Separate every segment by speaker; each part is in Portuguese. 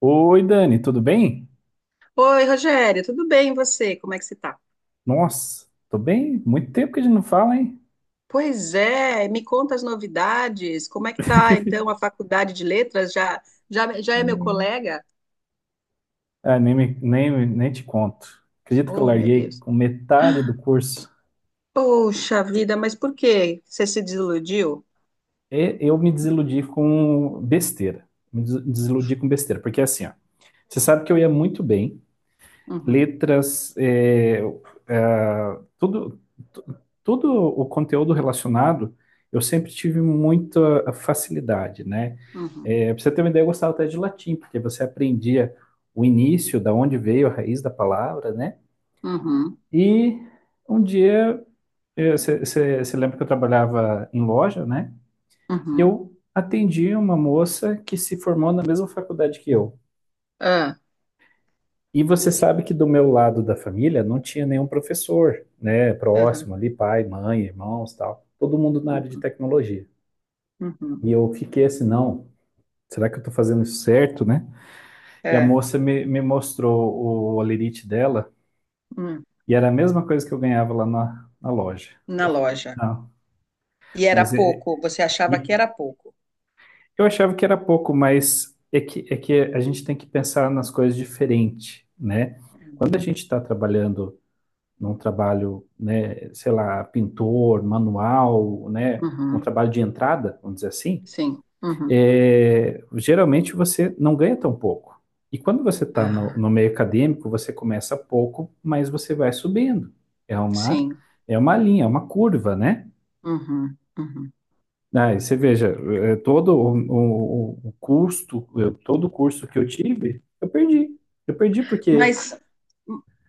Speaker 1: Oi, Dani, tudo bem?
Speaker 2: Oi, Rogério, tudo bem e você? Como é que você tá?
Speaker 1: Nossa, tô bem. Muito tempo que a gente não fala, hein?
Speaker 2: Pois é, me conta as novidades. Como é que tá então a faculdade de letras? Já é meu
Speaker 1: Hum.
Speaker 2: colega?
Speaker 1: Ah, nem te conto. Acredito que eu
Speaker 2: Oh, meu
Speaker 1: larguei
Speaker 2: Deus.
Speaker 1: com metade do curso.
Speaker 2: Poxa vida, mas por quê? Você se desiludiu?
Speaker 1: E eu me desiludi com besteira. Me desiludi com besteira, porque é assim, ó, você sabe que eu ia muito bem
Speaker 2: Uhum,
Speaker 1: letras, tudo, tu- todo o conteúdo relacionado, eu sempre tive muita facilidade, né?
Speaker 2: uhum,
Speaker 1: É, pra você ter uma ideia, eu gostava até de latim, porque você aprendia o início, da onde veio a raiz da palavra, né?
Speaker 2: uhum,
Speaker 1: E um dia, você lembra que eu trabalhava em loja, né? E
Speaker 2: uhum.
Speaker 1: eu atendi uma moça que se formou na mesma faculdade que eu.
Speaker 2: Ah,
Speaker 1: E você sabe que do meu lado da família não tinha nenhum professor, né,
Speaker 2: aham,
Speaker 1: próximo ali, pai, mãe, irmãos, tal. Todo mundo na área de
Speaker 2: uhum,
Speaker 1: tecnologia.
Speaker 2: uhum.
Speaker 1: E eu fiquei assim, não, será que eu tô fazendo isso certo, né? E a
Speaker 2: É,
Speaker 1: moça me mostrou o holerite dela
Speaker 2: hum,
Speaker 1: e era a mesma coisa que eu ganhava lá na loja.
Speaker 2: na
Speaker 1: Eu falei,
Speaker 2: loja.
Speaker 1: não,
Speaker 2: E era
Speaker 1: mas é-
Speaker 2: pouco, você achava que
Speaker 1: e
Speaker 2: era pouco.
Speaker 1: eu achava que era pouco, mas é que a gente tem que pensar nas coisas diferente, né?
Speaker 2: Uhum,
Speaker 1: Quando a gente está trabalhando num trabalho, né, sei lá, pintor, manual, né, um
Speaker 2: uhum,
Speaker 1: trabalho de entrada, vamos dizer assim,
Speaker 2: sim. Uhum.
Speaker 1: geralmente você não ganha tão pouco. E quando você está no,
Speaker 2: Ah,
Speaker 1: no meio acadêmico, você começa pouco, mas você vai subindo. É uma,
Speaker 2: sim.
Speaker 1: é uma linha, é uma curva, né?
Speaker 2: Uhum, uhum.
Speaker 1: Aí você veja, todo o custo, todo o curso que eu tive, eu perdi. Eu perdi porque.
Speaker 2: Mas,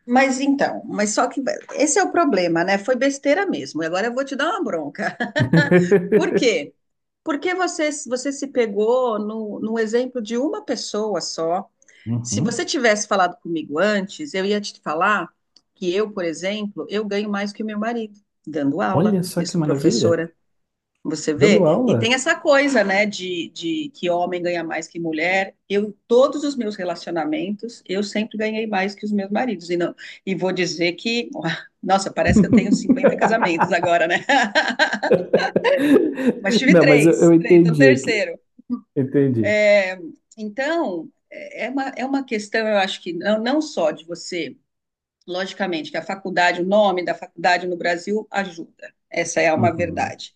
Speaker 2: mas só que esse é o problema, né? Foi besteira mesmo. E agora eu vou te dar uma bronca. Por quê? Porque você se pegou no exemplo de uma pessoa só. Se
Speaker 1: Uhum.
Speaker 2: você tivesse falado comigo antes, eu ia te falar que eu, por exemplo, eu ganho mais que o meu marido, dando aula.
Speaker 1: Olha só
Speaker 2: Eu
Speaker 1: que
Speaker 2: sou
Speaker 1: maravilha!
Speaker 2: professora, você
Speaker 1: Dando
Speaker 2: vê? E tem
Speaker 1: aula.
Speaker 2: essa coisa, né, de que homem ganha mais que mulher. Eu, em todos os meus relacionamentos, eu sempre ganhei mais que os meus maridos. E, não, e vou dizer que, nossa, parece que eu tenho 50 casamentos agora, né? Mas tive
Speaker 1: Não, mas eu
Speaker 2: três, três, então
Speaker 1: entendi o que.
Speaker 2: terceiro.
Speaker 1: Entendi.
Speaker 2: É, então, é uma questão, eu acho que não, não só de você. Logicamente que a faculdade, o nome da faculdade no Brasil ajuda, essa é uma
Speaker 1: Uhum,
Speaker 2: verdade.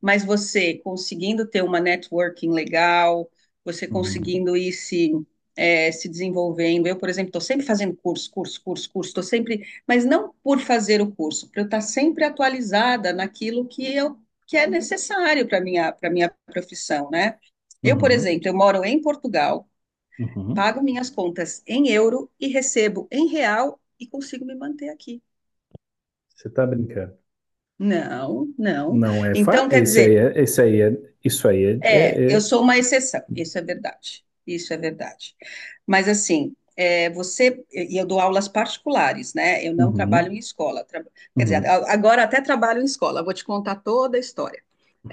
Speaker 2: Mas você conseguindo ter uma networking legal, você
Speaker 1: uhum,
Speaker 2: conseguindo ir se, se desenvolvendo. Eu, por exemplo, estou sempre fazendo curso, curso, curso, curso, estou sempre, mas não por fazer o curso, para eu estar sempre atualizada naquilo que eu que é necessário para minha profissão, né? Eu, por
Speaker 1: uhum,
Speaker 2: exemplo, eu moro em Portugal,
Speaker 1: uhum.
Speaker 2: pago minhas contas em euro e recebo em real e consigo me manter aqui.
Speaker 1: Você tá brincando.
Speaker 2: Não, não.
Speaker 1: Não é fa...
Speaker 2: Então, quer dizer,
Speaker 1: Isso aí é,
Speaker 2: é,
Speaker 1: é-
Speaker 2: eu
Speaker 1: é-
Speaker 2: sou uma exceção. Isso é verdade. Isso é verdade. Mas assim, é, você e eu dou aulas particulares, né? Eu não trabalho
Speaker 1: Uhum,
Speaker 2: em escola. Tra- Quer dizer,
Speaker 1: uhum,
Speaker 2: a- agora até trabalho em escola. Vou te contar toda a história.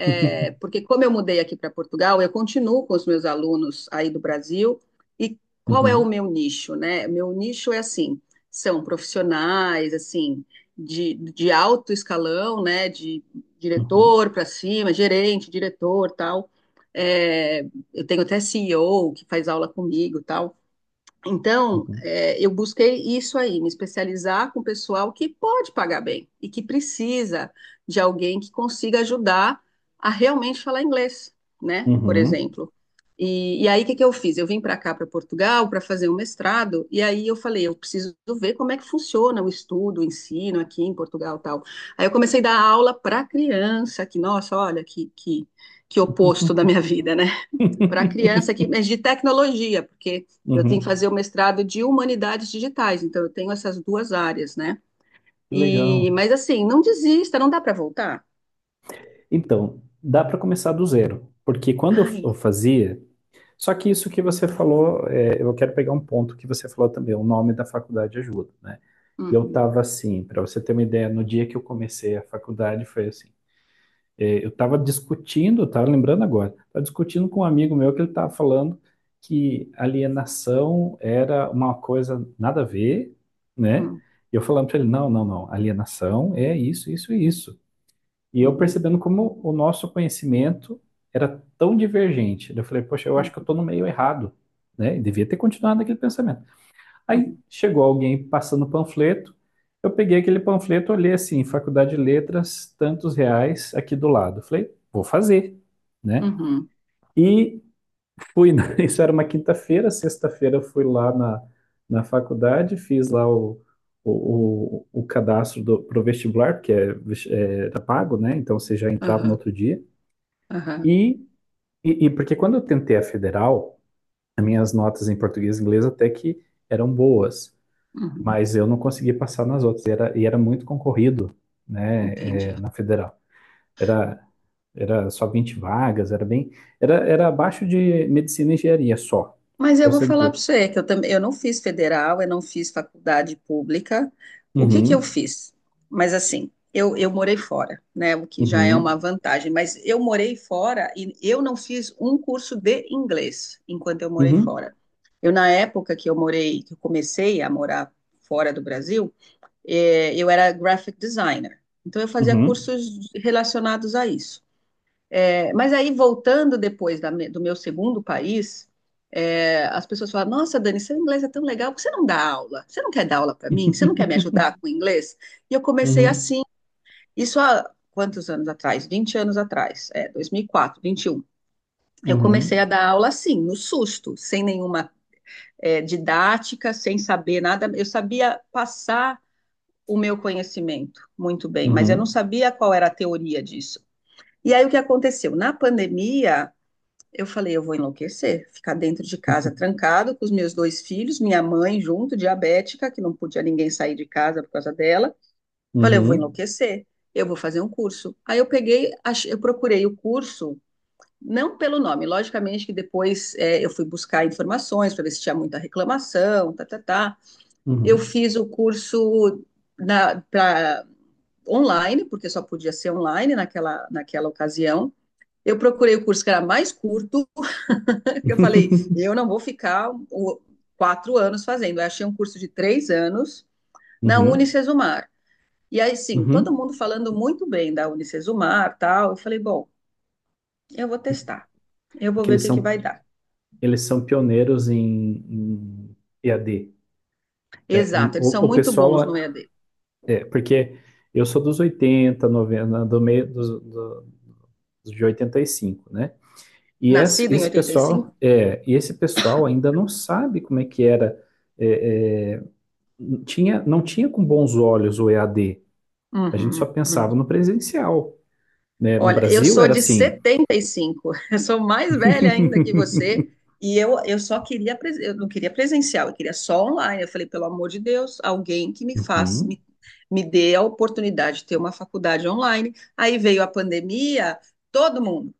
Speaker 2: É, porque como eu mudei aqui para Portugal, eu continuo com os meus alunos aí do Brasil. E qual é o
Speaker 1: uhum,
Speaker 2: meu nicho, né? Meu nicho é assim, são profissionais, assim, de alto escalão, né? De
Speaker 1: uhum,
Speaker 2: diretor para cima, gerente, diretor, tal. É, eu tenho até CEO que faz aula comigo, tal. Então,
Speaker 1: uhum,
Speaker 2: é, eu busquei isso aí, me especializar com o pessoal que pode pagar bem e que precisa de alguém que consiga ajudar a realmente falar inglês, né? Por
Speaker 1: uhum,
Speaker 2: exemplo. E aí, o que, que eu fiz? Eu vim para cá, para Portugal, para fazer um mestrado, e aí eu falei, eu preciso ver como é que funciona o estudo, o ensino aqui em Portugal e tal. Aí eu comecei a dar aula para criança, que, nossa, olha, que oposto da minha vida, né? Para a criança aqui, mas de tecnologia, porque eu tenho que
Speaker 1: uhum.
Speaker 2: fazer o mestrado de humanidades digitais, então eu tenho essas duas áreas, né?
Speaker 1: Que legal.
Speaker 2: E, mas assim, não desista, não dá para voltar.
Speaker 1: Então, dá para começar do zero, porque quando eu
Speaker 2: Ai,
Speaker 1: fazia, só que isso que você falou, eu quero pegar um ponto que você falou também, o nome da faculdade ajuda, né? E eu
Speaker 2: uhum,
Speaker 1: estava assim, para você ter uma ideia, no dia que eu comecei a faculdade foi assim. Eu estava discutindo, estava lembrando agora, estava discutindo com um amigo meu que ele estava falando que alienação era uma coisa nada a ver, né?
Speaker 2: uhum,
Speaker 1: E eu falando para ele, não, não, não, alienação é isso, isso e isso. E eu
Speaker 2: uhum,
Speaker 1: percebendo como o nosso conhecimento era tão divergente. Eu falei, poxa, eu acho
Speaker 2: uhum,
Speaker 1: que eu estou no meio errado, né? E devia ter continuado naquele pensamento. Aí
Speaker 2: uhum,
Speaker 1: chegou alguém passando panfleto. Eu peguei aquele panfleto, olhei assim, Faculdade de Letras, tantos reais aqui do lado. Falei, vou fazer, né?
Speaker 2: uhum,
Speaker 1: E fui, isso era uma quinta-feira, sexta-feira eu fui lá na, na faculdade, fiz lá o cadastro pro vestibular, porque era pago, né? Então você já entrava no
Speaker 2: aham,
Speaker 1: outro dia. E, e porque quando eu tentei a federal, as minhas notas em português e inglês até que eram boas.
Speaker 2: uhum,
Speaker 1: Mas eu não conseguia passar nas outras. E era muito concorrido,
Speaker 2: uhum,
Speaker 1: né,
Speaker 2: entendi.
Speaker 1: na federal. Era, era só 20 vagas, era bem. Era abaixo de medicina e engenharia só.
Speaker 2: Mas eu
Speaker 1: Pra
Speaker 2: vou
Speaker 1: você
Speaker 2: falar para
Speaker 1: entender.
Speaker 2: você que eu também eu não fiz federal, eu não fiz faculdade pública. O que que eu
Speaker 1: Uhum,
Speaker 2: fiz? Mas assim, eu morei fora, né? O que já é uma
Speaker 1: uhum,
Speaker 2: vantagem, mas eu morei fora e eu não fiz um curso de inglês enquanto eu morei fora.
Speaker 1: uhum,
Speaker 2: Eu, na época que eu morei, que eu comecei a morar fora do Brasil, eu era graphic designer. Então eu fazia
Speaker 1: uhum,
Speaker 2: cursos relacionados a isso. É, mas aí, voltando depois da me- do meu segundo país, é, as pessoas falam: Nossa, Dani, seu inglês é tão legal, por que você não dá aula? Você não quer dar aula para mim? Você não quer me ajudar com o inglês? E eu comecei
Speaker 1: uhum,
Speaker 2: assim, isso há quantos anos atrás? 20 anos atrás, é, 2004, 21. Eu comecei
Speaker 1: uhum,
Speaker 2: a dar aula assim, no susto, sem nenhuma, é, didática, sem saber nada. Eu sabia passar o meu conhecimento muito bem, mas eu não
Speaker 1: uhum,
Speaker 2: sabia qual era a teoria disso. E aí, o que aconteceu? Na pandemia, eu falei, eu vou enlouquecer, ficar dentro de casa trancado com os meus dois filhos, minha mãe junto, diabética, que não podia ninguém sair de casa por causa dela. Falei, eu vou
Speaker 1: uhum,
Speaker 2: enlouquecer, eu vou fazer um curso. Aí eu peguei, ach- eu procurei o curso, não pelo nome, logicamente que depois é, eu fui buscar informações para ver se tinha muita reclamação, tá, tá, tá. Eu
Speaker 1: uhum,
Speaker 2: fiz o curso na, pra- online, porque só podia ser online naquela ocasião. Eu procurei o curso que era mais curto, eu falei, eu não vou ficar um, o- quatro anos fazendo. Eu achei um curso de três anos na
Speaker 1: uhum,
Speaker 2: Unicesumar. E aí, sim, todo
Speaker 1: uhum.
Speaker 2: mundo falando muito bem da Unicesumar, tal. Eu falei, bom, eu vou testar. Eu
Speaker 1: É
Speaker 2: vou
Speaker 1: que
Speaker 2: ver o
Speaker 1: eles
Speaker 2: que que
Speaker 1: são,
Speaker 2: vai dar.
Speaker 1: eles são pioneiros em EAD.
Speaker 2: Exato, eles são
Speaker 1: O
Speaker 2: muito bons
Speaker 1: pessoal.
Speaker 2: no EAD.
Speaker 1: Porque eu sou dos 80 90 do meio dos, do, de 85, né? E esse,
Speaker 2: Nascido em
Speaker 1: esse
Speaker 2: 85?
Speaker 1: pessoal, é, e esse pessoal ainda não sabe como é que era. é, é, não tinha com bons olhos o EAD. A D. A gente só
Speaker 2: Uhum, uhum.
Speaker 1: pensava no presencial. Né? No
Speaker 2: Olha, eu
Speaker 1: Brasil
Speaker 2: sou
Speaker 1: era
Speaker 2: de
Speaker 1: assim.
Speaker 2: 75, eu sou mais velha ainda que você, e eu só queria, pres- eu não queria presencial, eu queria só online. Eu falei, pelo amor de Deus, alguém que me faça,
Speaker 1: Uhum,
Speaker 2: me dê a oportunidade de ter uma faculdade online. Aí veio a pandemia, todo mundo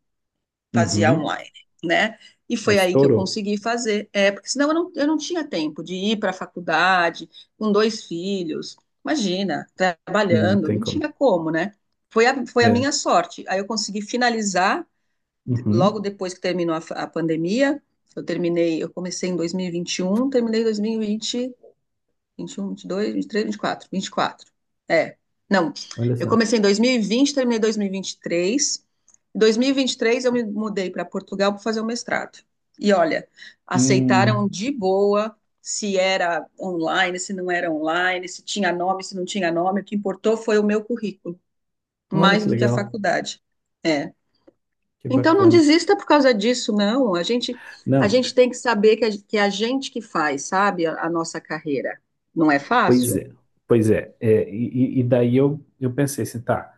Speaker 2: fazia
Speaker 1: uhum.
Speaker 2: online, né? E
Speaker 1: É,
Speaker 2: foi aí que eu
Speaker 1: estourou.
Speaker 2: consegui fazer, é, porque senão eu não tinha tempo de ir para a faculdade com dois filhos, imagina,
Speaker 1: Não
Speaker 2: trabalhando,
Speaker 1: tem
Speaker 2: não tinha
Speaker 1: como.
Speaker 2: como, né? Foi a, foi a minha
Speaker 1: É.
Speaker 2: sorte. Aí eu consegui finalizar, de-
Speaker 1: Uhum.
Speaker 2: logo depois que terminou a, fa- a pandemia, eu terminei, eu comecei em dois mil e vinte e um, terminei em 2020 um 21, quatro vinte e quatro. É. Não,
Speaker 1: Olha
Speaker 2: eu
Speaker 1: só.
Speaker 2: comecei em 2020 terminei em 2023. Em 2023 eu me mudei para Portugal para fazer o mestrado. E olha, aceitaram
Speaker 1: Hum,
Speaker 2: de boa se era online, se não era online, se tinha nome, se não tinha nome. O que importou foi o meu currículo,
Speaker 1: olha
Speaker 2: mais
Speaker 1: que
Speaker 2: do que a
Speaker 1: legal.
Speaker 2: faculdade. É.
Speaker 1: Que
Speaker 2: Então não
Speaker 1: bacana.
Speaker 2: desista por causa disso, não. A
Speaker 1: Não.
Speaker 2: gente tem que saber que a, que é a gente que faz, sabe, a nossa carreira. Não é
Speaker 1: Pois
Speaker 2: fácil?
Speaker 1: é, pois é, e daí eu pensei assim, tá,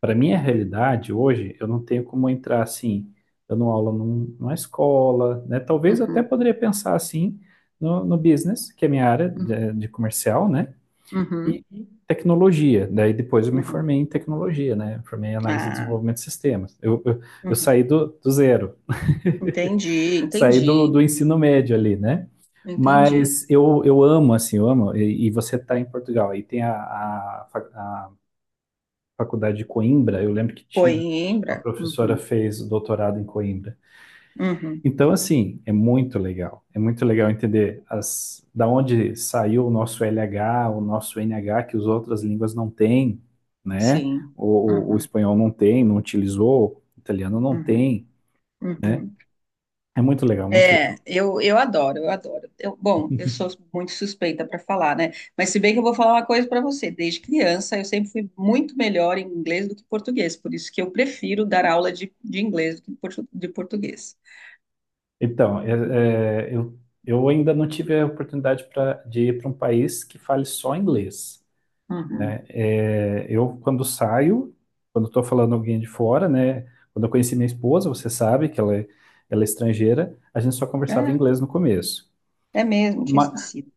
Speaker 1: para minha realidade hoje, eu não tenho como entrar assim, dando aula numa escola, né? Talvez eu até
Speaker 2: Uhum,
Speaker 1: poderia pensar assim no business, que é minha área
Speaker 2: uhum,
Speaker 1: de comercial, né? E
Speaker 2: uhum,
Speaker 1: e tecnologia, daí depois eu me
Speaker 2: uhum.
Speaker 1: formei em tecnologia, né? Formei em análise e
Speaker 2: Ah,
Speaker 1: desenvolvimento de sistemas. Eu
Speaker 2: uhum.
Speaker 1: saí do zero,
Speaker 2: Entendi,
Speaker 1: saí do,
Speaker 2: entendi,
Speaker 1: do ensino médio ali, né?
Speaker 2: entendi.
Speaker 1: Mas eu amo, assim, eu amo. E você está em Portugal, aí tem a faculdade de Coimbra, eu lembro que tinha, uma
Speaker 2: Coimbra?
Speaker 1: professora
Speaker 2: Uhum,
Speaker 1: fez o doutorado em Coimbra.
Speaker 2: uhum,
Speaker 1: Então, assim, é muito legal. É muito legal entender da onde saiu o nosso LH, o nosso NH, que as outras línguas não têm, né?
Speaker 2: sim.
Speaker 1: O
Speaker 2: Uhum,
Speaker 1: espanhol não tem, não utilizou, o italiano não
Speaker 2: uhum,
Speaker 1: tem, né?
Speaker 2: uhum.
Speaker 1: É muito legal, muito
Speaker 2: É,
Speaker 1: legal.
Speaker 2: eu adoro, eu adoro. Eu, bom, eu sou muito suspeita para falar, né? Mas se bem que eu vou falar uma coisa para você. Desde criança, eu sempre fui muito melhor em inglês do que português. Por isso que eu prefiro dar aula de inglês do que portu- de português.
Speaker 1: Então, eu ainda não tive a oportunidade de ir para um país que fale só inglês,
Speaker 2: Uhum.
Speaker 1: né? Quando saio, quando estou falando alguém de fora, né? Quando eu conheci minha esposa, você sabe que ela é estrangeira, a gente só conversava inglês no começo.
Speaker 2: É, é mesmo, tinha
Speaker 1: Ma-
Speaker 2: esquecido.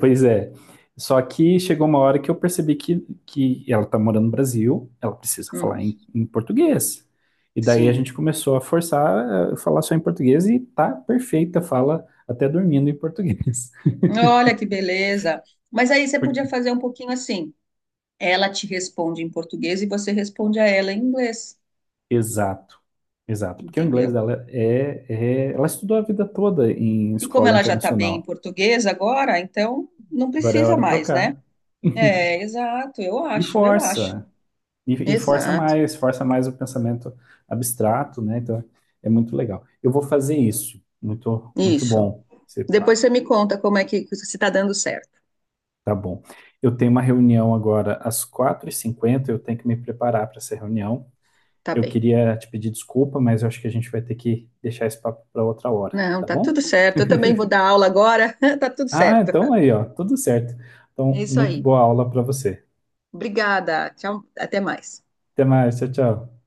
Speaker 1: Pois é. Só que chegou uma hora que eu percebi que ela tá morando no Brasil, ela precisa falar
Speaker 2: Uhum,
Speaker 1: em português. E daí a gente
Speaker 2: sim.
Speaker 1: começou a forçar a falar só em português e tá perfeita, fala até dormindo em português.
Speaker 2: Olha que beleza. Mas aí você podia
Speaker 1: Por-
Speaker 2: fazer um pouquinho assim. Ela te responde em português e você responde a ela em inglês,
Speaker 1: Exato, exato. Porque o inglês
Speaker 2: entendeu?
Speaker 1: dela é. Ela estudou a vida toda em
Speaker 2: E como
Speaker 1: escola
Speaker 2: ela já está bem em
Speaker 1: internacional.
Speaker 2: português agora, então não
Speaker 1: Agora é
Speaker 2: precisa
Speaker 1: hora de
Speaker 2: mais, né?
Speaker 1: trocar.
Speaker 2: É, exato, eu
Speaker 1: E
Speaker 2: acho, eu acho.
Speaker 1: força. E
Speaker 2: Exato.
Speaker 1: força mais o pensamento abstrato, né? Então é muito legal. Eu vou fazer isso. Muito, muito
Speaker 2: Isso.
Speaker 1: bom esse
Speaker 2: Depois
Speaker 1: papo.
Speaker 2: você me conta como é que se está dando certo.
Speaker 1: Tá bom. Eu tenho uma reunião agora às 4:50. Eu tenho que me preparar para essa reunião.
Speaker 2: Tá
Speaker 1: Eu
Speaker 2: bem.
Speaker 1: queria te pedir desculpa, mas eu acho que a gente vai ter que deixar esse papo para outra hora,
Speaker 2: Não,
Speaker 1: tá
Speaker 2: tá tudo
Speaker 1: bom?
Speaker 2: certo. Eu também vou dar aula agora. Tá tudo
Speaker 1: Ah,
Speaker 2: certo.
Speaker 1: então aí, ó, tudo certo. Então,
Speaker 2: É isso
Speaker 1: muito
Speaker 2: aí.
Speaker 1: boa aula para você.
Speaker 2: Obrigada. Tchau. Até mais.
Speaker 1: Até mais, tchau, tchau.